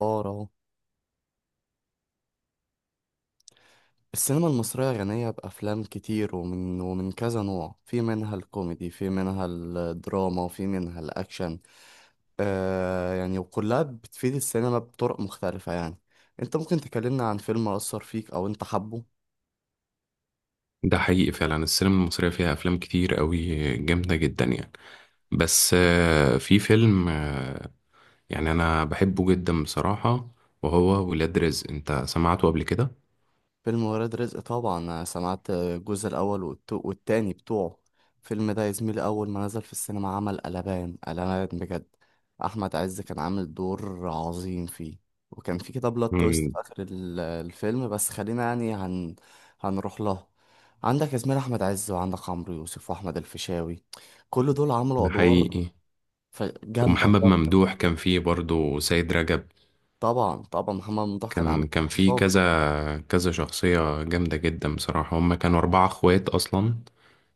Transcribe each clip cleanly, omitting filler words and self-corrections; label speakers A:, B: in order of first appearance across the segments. A: اه اهو. السينما المصرية غنية بأفلام كتير، ومن كذا نوع، في منها الكوميدي، في منها الدراما، وفي منها الأكشن. يعني، وكلها بتفيد السينما بطرق مختلفة يعني. انت ممكن تكلمنا عن فيلم أثر فيك أو انت حبه؟
B: ده حقيقي فعلا السينما المصرية فيها أفلام كتير قوي جامدة جدا يعني. بس في فيلم يعني أنا بحبه جدا بصراحة. وهو ولاد رزق، أنت سمعته قبل كده؟
A: فيلم ولاد رزق طبعا، أنا سمعت الجزء الأول والتاني بتوعه. الفيلم ده يا زميلي أول ما نزل في السينما عمل قلبان قلبان بجد. أحمد عز كان عامل دور عظيم فيه، وكان في كده بلوت تويست
B: مم.
A: في آخر الفيلم، بس خلينا يعني هنروح له. عندك يا زميلي أحمد عز، وعندك عمرو يوسف، وأحمد الفيشاوي، كل دول عملوا
B: ده
A: أدوار
B: حقيقي.
A: جامدة
B: ومحمد ممدوح
A: جامدة.
B: كان فيه برضه سيد رجب.
A: طبعا طبعا محمد ممدوح كان عامل
B: كان
A: دور
B: فيه
A: ظابط.
B: كذا كذا شخصية جامدة جدا بصراحة، هما كانوا أربعة أخوات أصلا.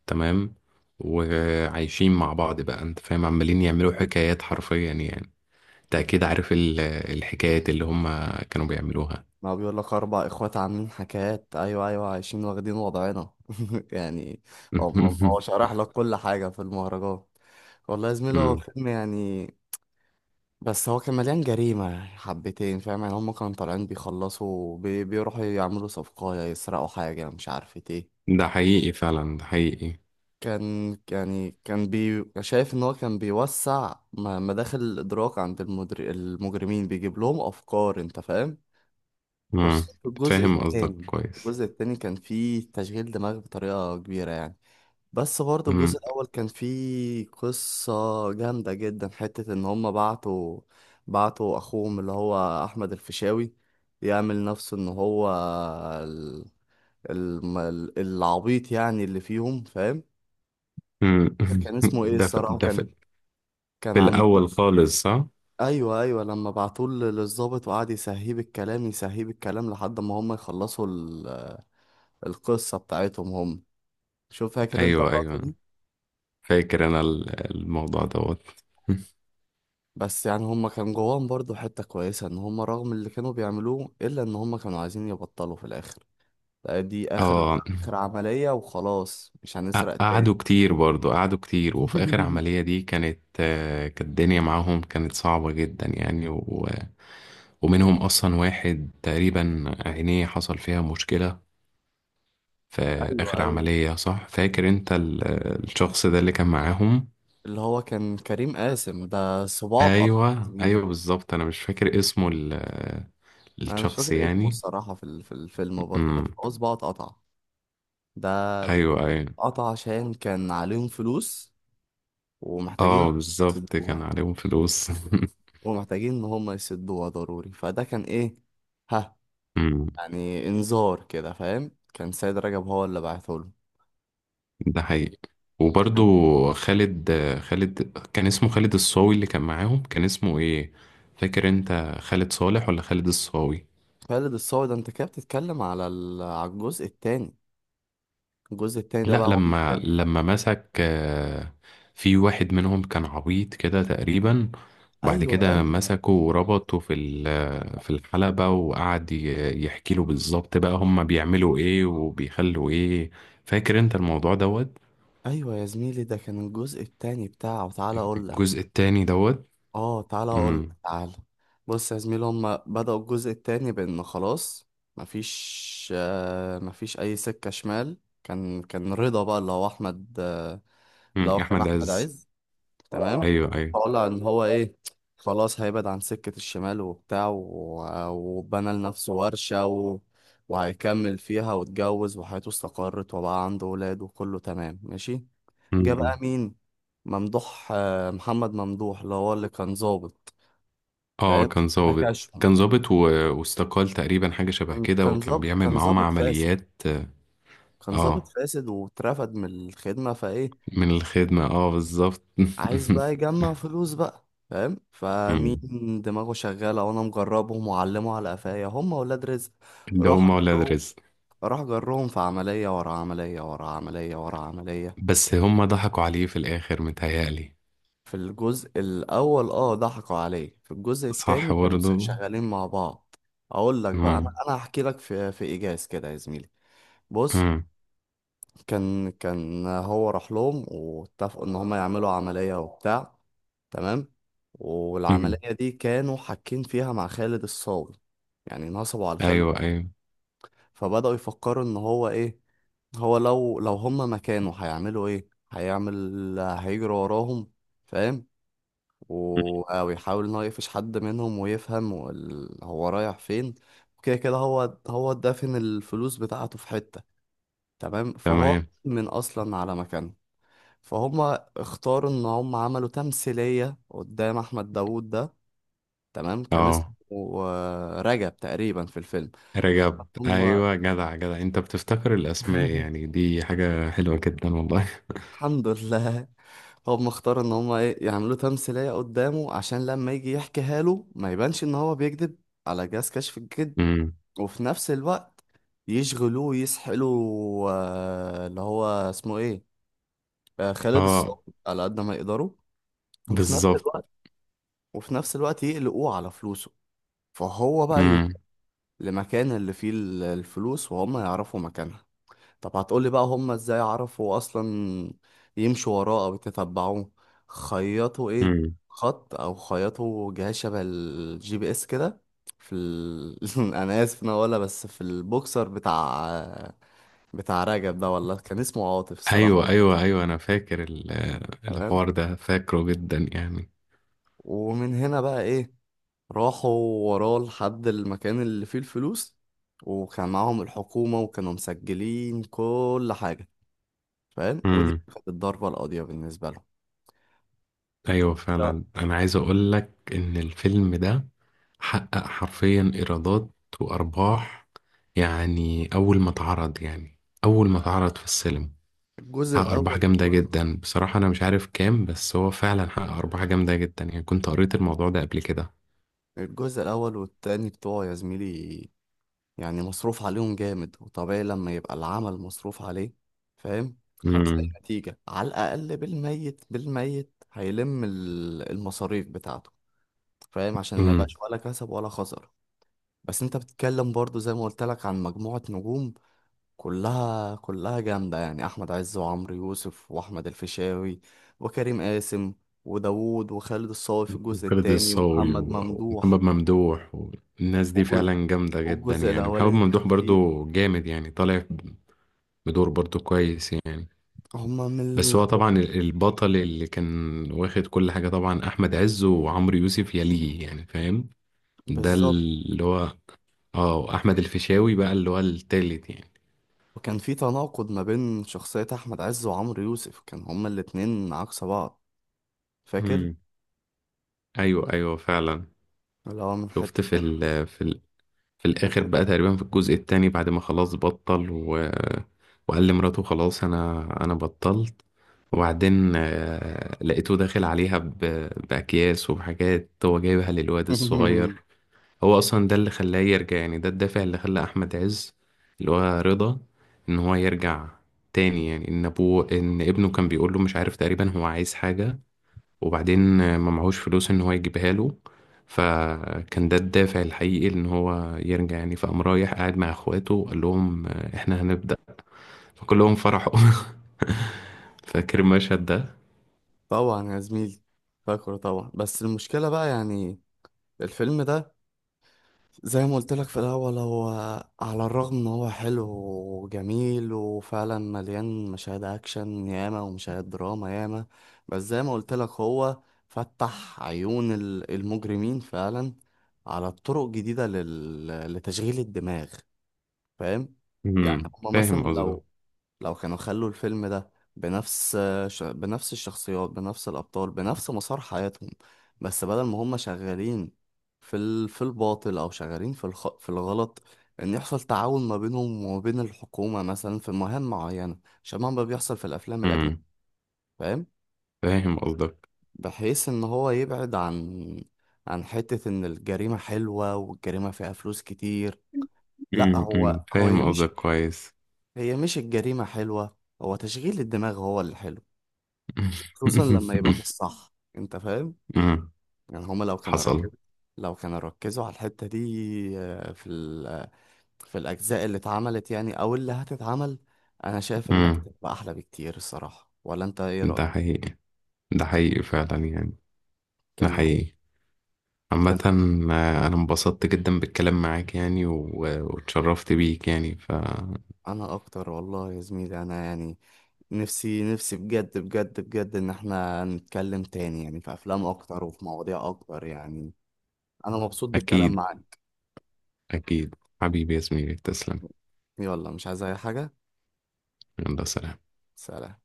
B: تمام. وعايشين مع بعض بقى أنت فاهم، عمالين يعملوا حكايات حرفيا يعني. انت اكيد عارف الحكايات اللي هم كانوا بيعملوها.
A: ما بيقول لك اربع اخوات عاملين حكايات، ايوه ايوه، عايشين واخدين وضعنا يعني. هو هو شرح لك كل حاجه في المهرجان. والله يا زميلي هو
B: أمم.
A: فيلم يعني، بس هو كان مليان جريمه يعني، حبتين فاهم يعني. هم كانوا طالعين بيخلصوا بيروحوا يعملوا صفقه، يسرقوا حاجه، مش عارف ايه.
B: ده حقيقي فعلا، ده حقيقي.
A: كان يعني كان بي شايف ان هو كان بيوسع مداخل الادراك عند المجرمين، بيجيب لهم افكار، انت فاهم.
B: أمم.
A: خصوصا في الجزء
B: فاهم قصدك
A: الثاني.
B: كويس.
A: الجزء الثاني كان فيه تشغيل دماغ بطريقة كبيرة يعني. بس برضه
B: أمم.
A: الجزء الأول كان فيه قصة جامدة جدا، حتة إن هما بعتوا، بعتوا أخوهم اللي هو أحمد الفيشاوي، يعمل نفسه إن هو ال... العبيط يعني اللي فيهم، فاهم.
B: أمم.
A: كان اسمه إيه
B: ده في
A: الصراحة؟
B: ده
A: كان،
B: في
A: كان
B: في
A: عامل،
B: الاول خالص، صح.
A: ايوه ايوه، لما بعتوه للظابط وقعد يسهيه بالكلام، يسهيه بالكلام، لحد ما هم يخلصوا القصة بتاعتهم هم. شوف، فاكر انت
B: ايوه
A: اللقطة
B: ايوه،
A: دي؟
B: فاكر انا الموضوع دوت.
A: بس يعني هم كان جواهم برضو حتة كويسة، ان هم رغم اللي كانوا بيعملوه الا ان هم كانوا عايزين يبطلوا في الاخر. لا، دي اخر،
B: اه.
A: اخر عملية وخلاص، مش هنسرق تاني.
B: قعدوا كتير برضو، قعدوا كتير، وفي اخر عملية دي كانت كانت الدنيا معاهم كانت صعبة جدا يعني و... ومنهم اصلا واحد تقريبا عينيه حصل فيها مشكلة في
A: ايوه
B: آخر
A: ايوه،
B: عملية، صح. فاكر انت الشخص ده اللي كان معاهم.
A: اللي هو كان كريم قاسم ده صباعه اتقطع يا
B: ايوه ايوه
A: زميلي.
B: بالظبط، انا مش فاكر اسمه
A: انا مش
B: الشخص
A: فاكر اسمه
B: يعني.
A: الصراحة في في الفيلم برضه، بس
B: امم.
A: هو صباعه اتقطع. ده
B: ايوه ايوه.
A: قطع عشان كان عليهم فلوس ومحتاجين
B: اه بالظبط،
A: يسدوها،
B: كان عليهم فلوس.
A: ومحتاجين ان هم يسدوها ضروري. فده كان ايه؟ ها،
B: امم.
A: يعني انذار كده، فاهم. كان سيد رجب هو اللي بعته له.
B: ده حقيقي. وبرضو
A: كان
B: خالد، خالد كان اسمه خالد الصاوي؟ اللي كان معاهم كان اسمه ايه؟ فاكر انت خالد صالح ولا خالد الصاوي؟
A: خالد الصاوي ده، انت كده بتتكلم على على الجزء التاني. الجزء التاني ده
B: لا،
A: بقى هو اللي
B: لما
A: كان.
B: لما مسك في واحد منهم كان عبيط كده تقريبا، وبعد
A: ايوه
B: كده
A: ايوه
B: مسكه وربطه في في الحلبة، وقعد يحكي له بالظبط بقى هم بيعملوا ايه وبيخلوا ايه. فاكر انت الموضوع دوت.
A: ايوه يا زميلي، ده كان الجزء التاني بتاعه. تعالى اقول لك،
B: الجزء التاني دوت.
A: اه تعالى اقول،
B: امم.
A: تعالى. بص يا زميلي، هما بدأوا الجزء التاني بان خلاص، مفيش اي سكة شمال. كان رضا بقى، اللي هو احمد، اللي
B: أمم،
A: هو كان
B: احمد
A: احمد
B: عز.
A: عز، تمام.
B: ايوه ايوه.
A: طالع ان هو ايه، خلاص هيبعد عن سكة الشمال وبتاع، وبنى لنفسه ورشة وهيكمل فيها، واتجوز، وحياته استقرت، وبقى عنده ولاد، وكله تمام ماشي. جه
B: أمم.
A: بقى مين؟ ممدوح، محمد ممدوح اللي هو اللي كان ظابط،
B: اه
A: فاهم،
B: كان ظابط،
A: بكشهم.
B: كان ظابط واستقال تقريبا، حاجة شبه
A: كان
B: كده،
A: كان
B: وكان
A: ظابط،
B: بيعمل
A: كان
B: معاهم
A: ظابط فاسد.
B: عمليات.
A: كان ظابط
B: اه
A: فاسد، واترفد من الخدمة، فايه؟
B: من الخدمة، اه بالظبط.
A: عايز بقى يجمع فلوس بقى، فاهم. فمين؟
B: مم.
A: دماغه شغالة، وانا مجربهم، وعلمه على قفايا، هم ولاد رزق.
B: ده
A: راح
B: هم ولاد
A: اجرهم،
B: رزق.
A: راح اجرهم في عملية ورا عملية ورا عملية ورا عملية.
B: بس هم ضحكوا عليه في الآخر متهيألي.
A: في الجزء الاول اه ضحكوا عليه، في الجزء
B: صح
A: التاني كانوا
B: برضه.
A: شغالين مع بعض. اقول لك بقى، انا
B: مم.
A: انا هحكي لك في ايجاز كده يا زميلي. بص،
B: مم.
A: كان هو راح لهم واتفقوا ان هم يعملوا عملية وبتاع، تمام.
B: مم.
A: والعملية دي كانوا حاكين فيها مع خالد الصاوي، يعني نصبوا على خالد.
B: أيوه أيوه.
A: فبدأوا يفكروا ان هو ايه، هو لو هم مكانه هيعملوا ايه، هيعمل، هيجري وراهم، فاهم.
B: مم.
A: او يحاول ان هو يقفش حد منهم ويفهم هو رايح فين. وكده كده هو، هو دافن الفلوس بتاعته في حتة، تمام. فهو
B: تمام.
A: من اصلا على مكانه، فهم. اختاروا ان هم عملوا تمثيلية قدام احمد داوود ده، تمام. كان اسمه
B: اه.
A: رجب تقريبا في الفيلم.
B: رجب،
A: هم
B: أيوه. جدع جدع، أنت بتفتكر الأسماء يعني، دي حاجة حلوة جدا والله.
A: الحمد لله. هم اختاروا ان هم ايه، يعملوا تمثيلية قدامه عشان لما يجي يحكيها له ما يبانش ان هو بيكذب على جهاز كشف الكذب.
B: مم.
A: وفي نفس الوقت يشغلوه، يسحلوا اللي هو اسمه ايه، خالد
B: اه
A: الصاوي، على قد ما يقدروا. وفي نفس
B: بالظبط.
A: الوقت وفي نفس الوقت يقلقوه على فلوسه. فهو بقى يروح
B: مم.
A: لمكان اللي فيه الفلوس، وهم يعرفوا مكانها. طب هتقولي بقى هم ازاي عرفوا اصلا؟ يمشوا وراه او يتتبعوه؟ خيطوا ايه،
B: مم.
A: خط، او خيطوا جهاز شبه الجي بي اس كده في ال... انا اسف إن انا اقولها، بس في البوكسر بتاع، بتاع رجب ده، والله كان اسمه عاطف
B: أيوه
A: الصراحة.
B: أيوه أيوه، أنا فاكر
A: تمام.
B: الحوار ده، فاكره جدا
A: ومن هنا بقى ايه، راحوا وراه لحد المكان اللي فيه الفلوس، وكان معاهم الحكومة وكانوا مسجلين كل حاجة، فاهم. ودي
B: يعني.
A: كانت الضربة القاضية بالنسبة لهم.
B: ايوه
A: لا،
B: فعلا، انا عايز اقول لك ان الفيلم ده حقق حرفيا ايرادات وارباح، يعني اول ما اتعرض، يعني اول ما اتعرض في السينما
A: الجزء
B: حقق ارباح
A: الأول
B: جامده
A: والجزء
B: جدا بصراحه. انا مش عارف كام، بس هو فعلا حقق ارباح جامده جدا يعني، كنت قريت الموضوع ده قبل كده.
A: الجزء الأول والتاني بتوعه يا زميلي، يعني مصروف عليهم جامد. وطبيعي لما يبقى العمل مصروف عليه، فاهم،
B: امم.
A: هتلاقي نتيجة على الأقل بالميت بالميت هيلم المصاريف بتاعته، فاهم، عشان ما
B: امم.
A: يبقاش ولا كسب ولا خسر. بس انت بتتكلم برضو زي ما قلت لك عن مجموعة نجوم، كلها جامدة يعني، أحمد عز وعمرو يوسف وأحمد الفيشاوي وكريم قاسم وداوود وخالد الصاوي في الجزء
B: وخالد
A: التاني،
B: الصاوي
A: ومحمد
B: ومحمد
A: ممدوح.
B: ممدوح والناس دي
A: والجزء,
B: فعلا جامده جدا
A: والجزء
B: يعني. محمد
A: الأولاني كان
B: ممدوح
A: فيه
B: برضو جامد يعني، طالع بدور برضو كويس يعني.
A: هما
B: بس هو طبعا البطل اللي كان واخد كل حاجة طبعا أحمد عز، وعمرو يوسف يليه يعني فاهم. ده
A: بالظبط.
B: اللي هو اه أحمد الفيشاوي بقى اللي هو التالت يعني.
A: وكان في تناقض ما بين شخصية أحمد عز وعمرو يوسف، كان هما الاتنين عكس بعض، فاكر؟
B: امم. أيوه أيوه فعلا.
A: اللي هو من
B: شفت
A: حتة
B: في
A: تانية،
B: ال في ال في
A: من
B: الآخر
A: حتة.
B: بقى تقريبا، في الجزء التاني، بعد ما خلاص بطل و... وقال لمراته خلاص أنا بطلت. وبعدين لقيته داخل عليها ب... بأكياس وبحاجات هو جايبها للواد الصغير. هو اصلا ده اللي خلاه يرجع، يعني ده الدافع اللي خلى احمد عز، اللي هو رضا، ان هو يرجع تاني يعني. ان ابوه، ان ابنه كان بيقول له مش عارف تقريبا هو عايز حاجة، وبعدين ما معهوش فلوس ان هو يجيبها له، فكان ده الدافع الحقيقي ان هو يرجع يعني. فقام رايح قاعد مع اخواته وقال لهم احنا هنبدأ، فكلهم فرحوا. فاكر المشهد ده.
A: طبعا يا زميلي، فاكره طبعا. بس المشكلة بقى يعني، الفيلم ده زي ما قلت لك في الأول، هو على الرغم إن هو حلو وجميل، وفعلا مليان مشاهد أكشن ياما ومشاهد دراما ياما، بس زي ما قلت لك هو فتح عيون المجرمين فعلا على طرق جديدة لتشغيل الدماغ، فاهم. يعني هما مثلا
B: فاهم قصده.
A: لو، لو كانوا خلوا الفيلم ده بنفس ش... بنفس الشخصيات بنفس الأبطال بنفس مسار حياتهم، بس بدل ما هم شغالين في الباطل، أو شغالين في الغلط، إن يحصل تعاون ما بينهم وما بين الحكومة مثلا في مهام معينة شبه ما بيحصل في الأفلام الأجنبية،
B: امم
A: فاهم.
B: فاهم قصدك.
A: بحيث إن هو يبعد عن، عن حتة إن الجريمة حلوة والجريمة فيها فلوس كتير. لأ،
B: أمم،
A: هو هي
B: فاهم
A: مش،
B: قصدك كويس.
A: هي مش الجريمة حلوة، هو تشغيل الدماغ هو اللي حلو، خصوصا لما يبقى في الصح، انت فاهم.
B: أمم.
A: يعني هما لو كانوا ركزوا،
B: حصل.
A: لو كانوا ركزوا على الحتة دي آه، في ال... آه، في الأجزاء اللي اتعملت يعني أو اللي هتتعمل، أنا شايف إنك
B: أمم.
A: تبقى أحلى بكتير الصراحة، ولا أنت إيه
B: ده
A: رأيك؟
B: حقيقي. ده حقيقي فعلا يعني، ده
A: كان
B: حقيقي.
A: كان
B: عامة أنا انبسطت جدا بالكلام معاك يعني، واتشرفت بيك يعني، فأكيد.
A: أنا أكتر والله يا زميلي، أنا يعني نفسي نفسي بجد بجد بجد إن إحنا نتكلم تاني يعني في أفلام أكتر وفي مواضيع أكتر يعني، أنا مبسوط بالكلام معاك.
B: أكيد. حبيبي يا زميلي تسلم.
A: يلا، مش عايز أي حاجة.
B: يلا سلام.
A: سلام.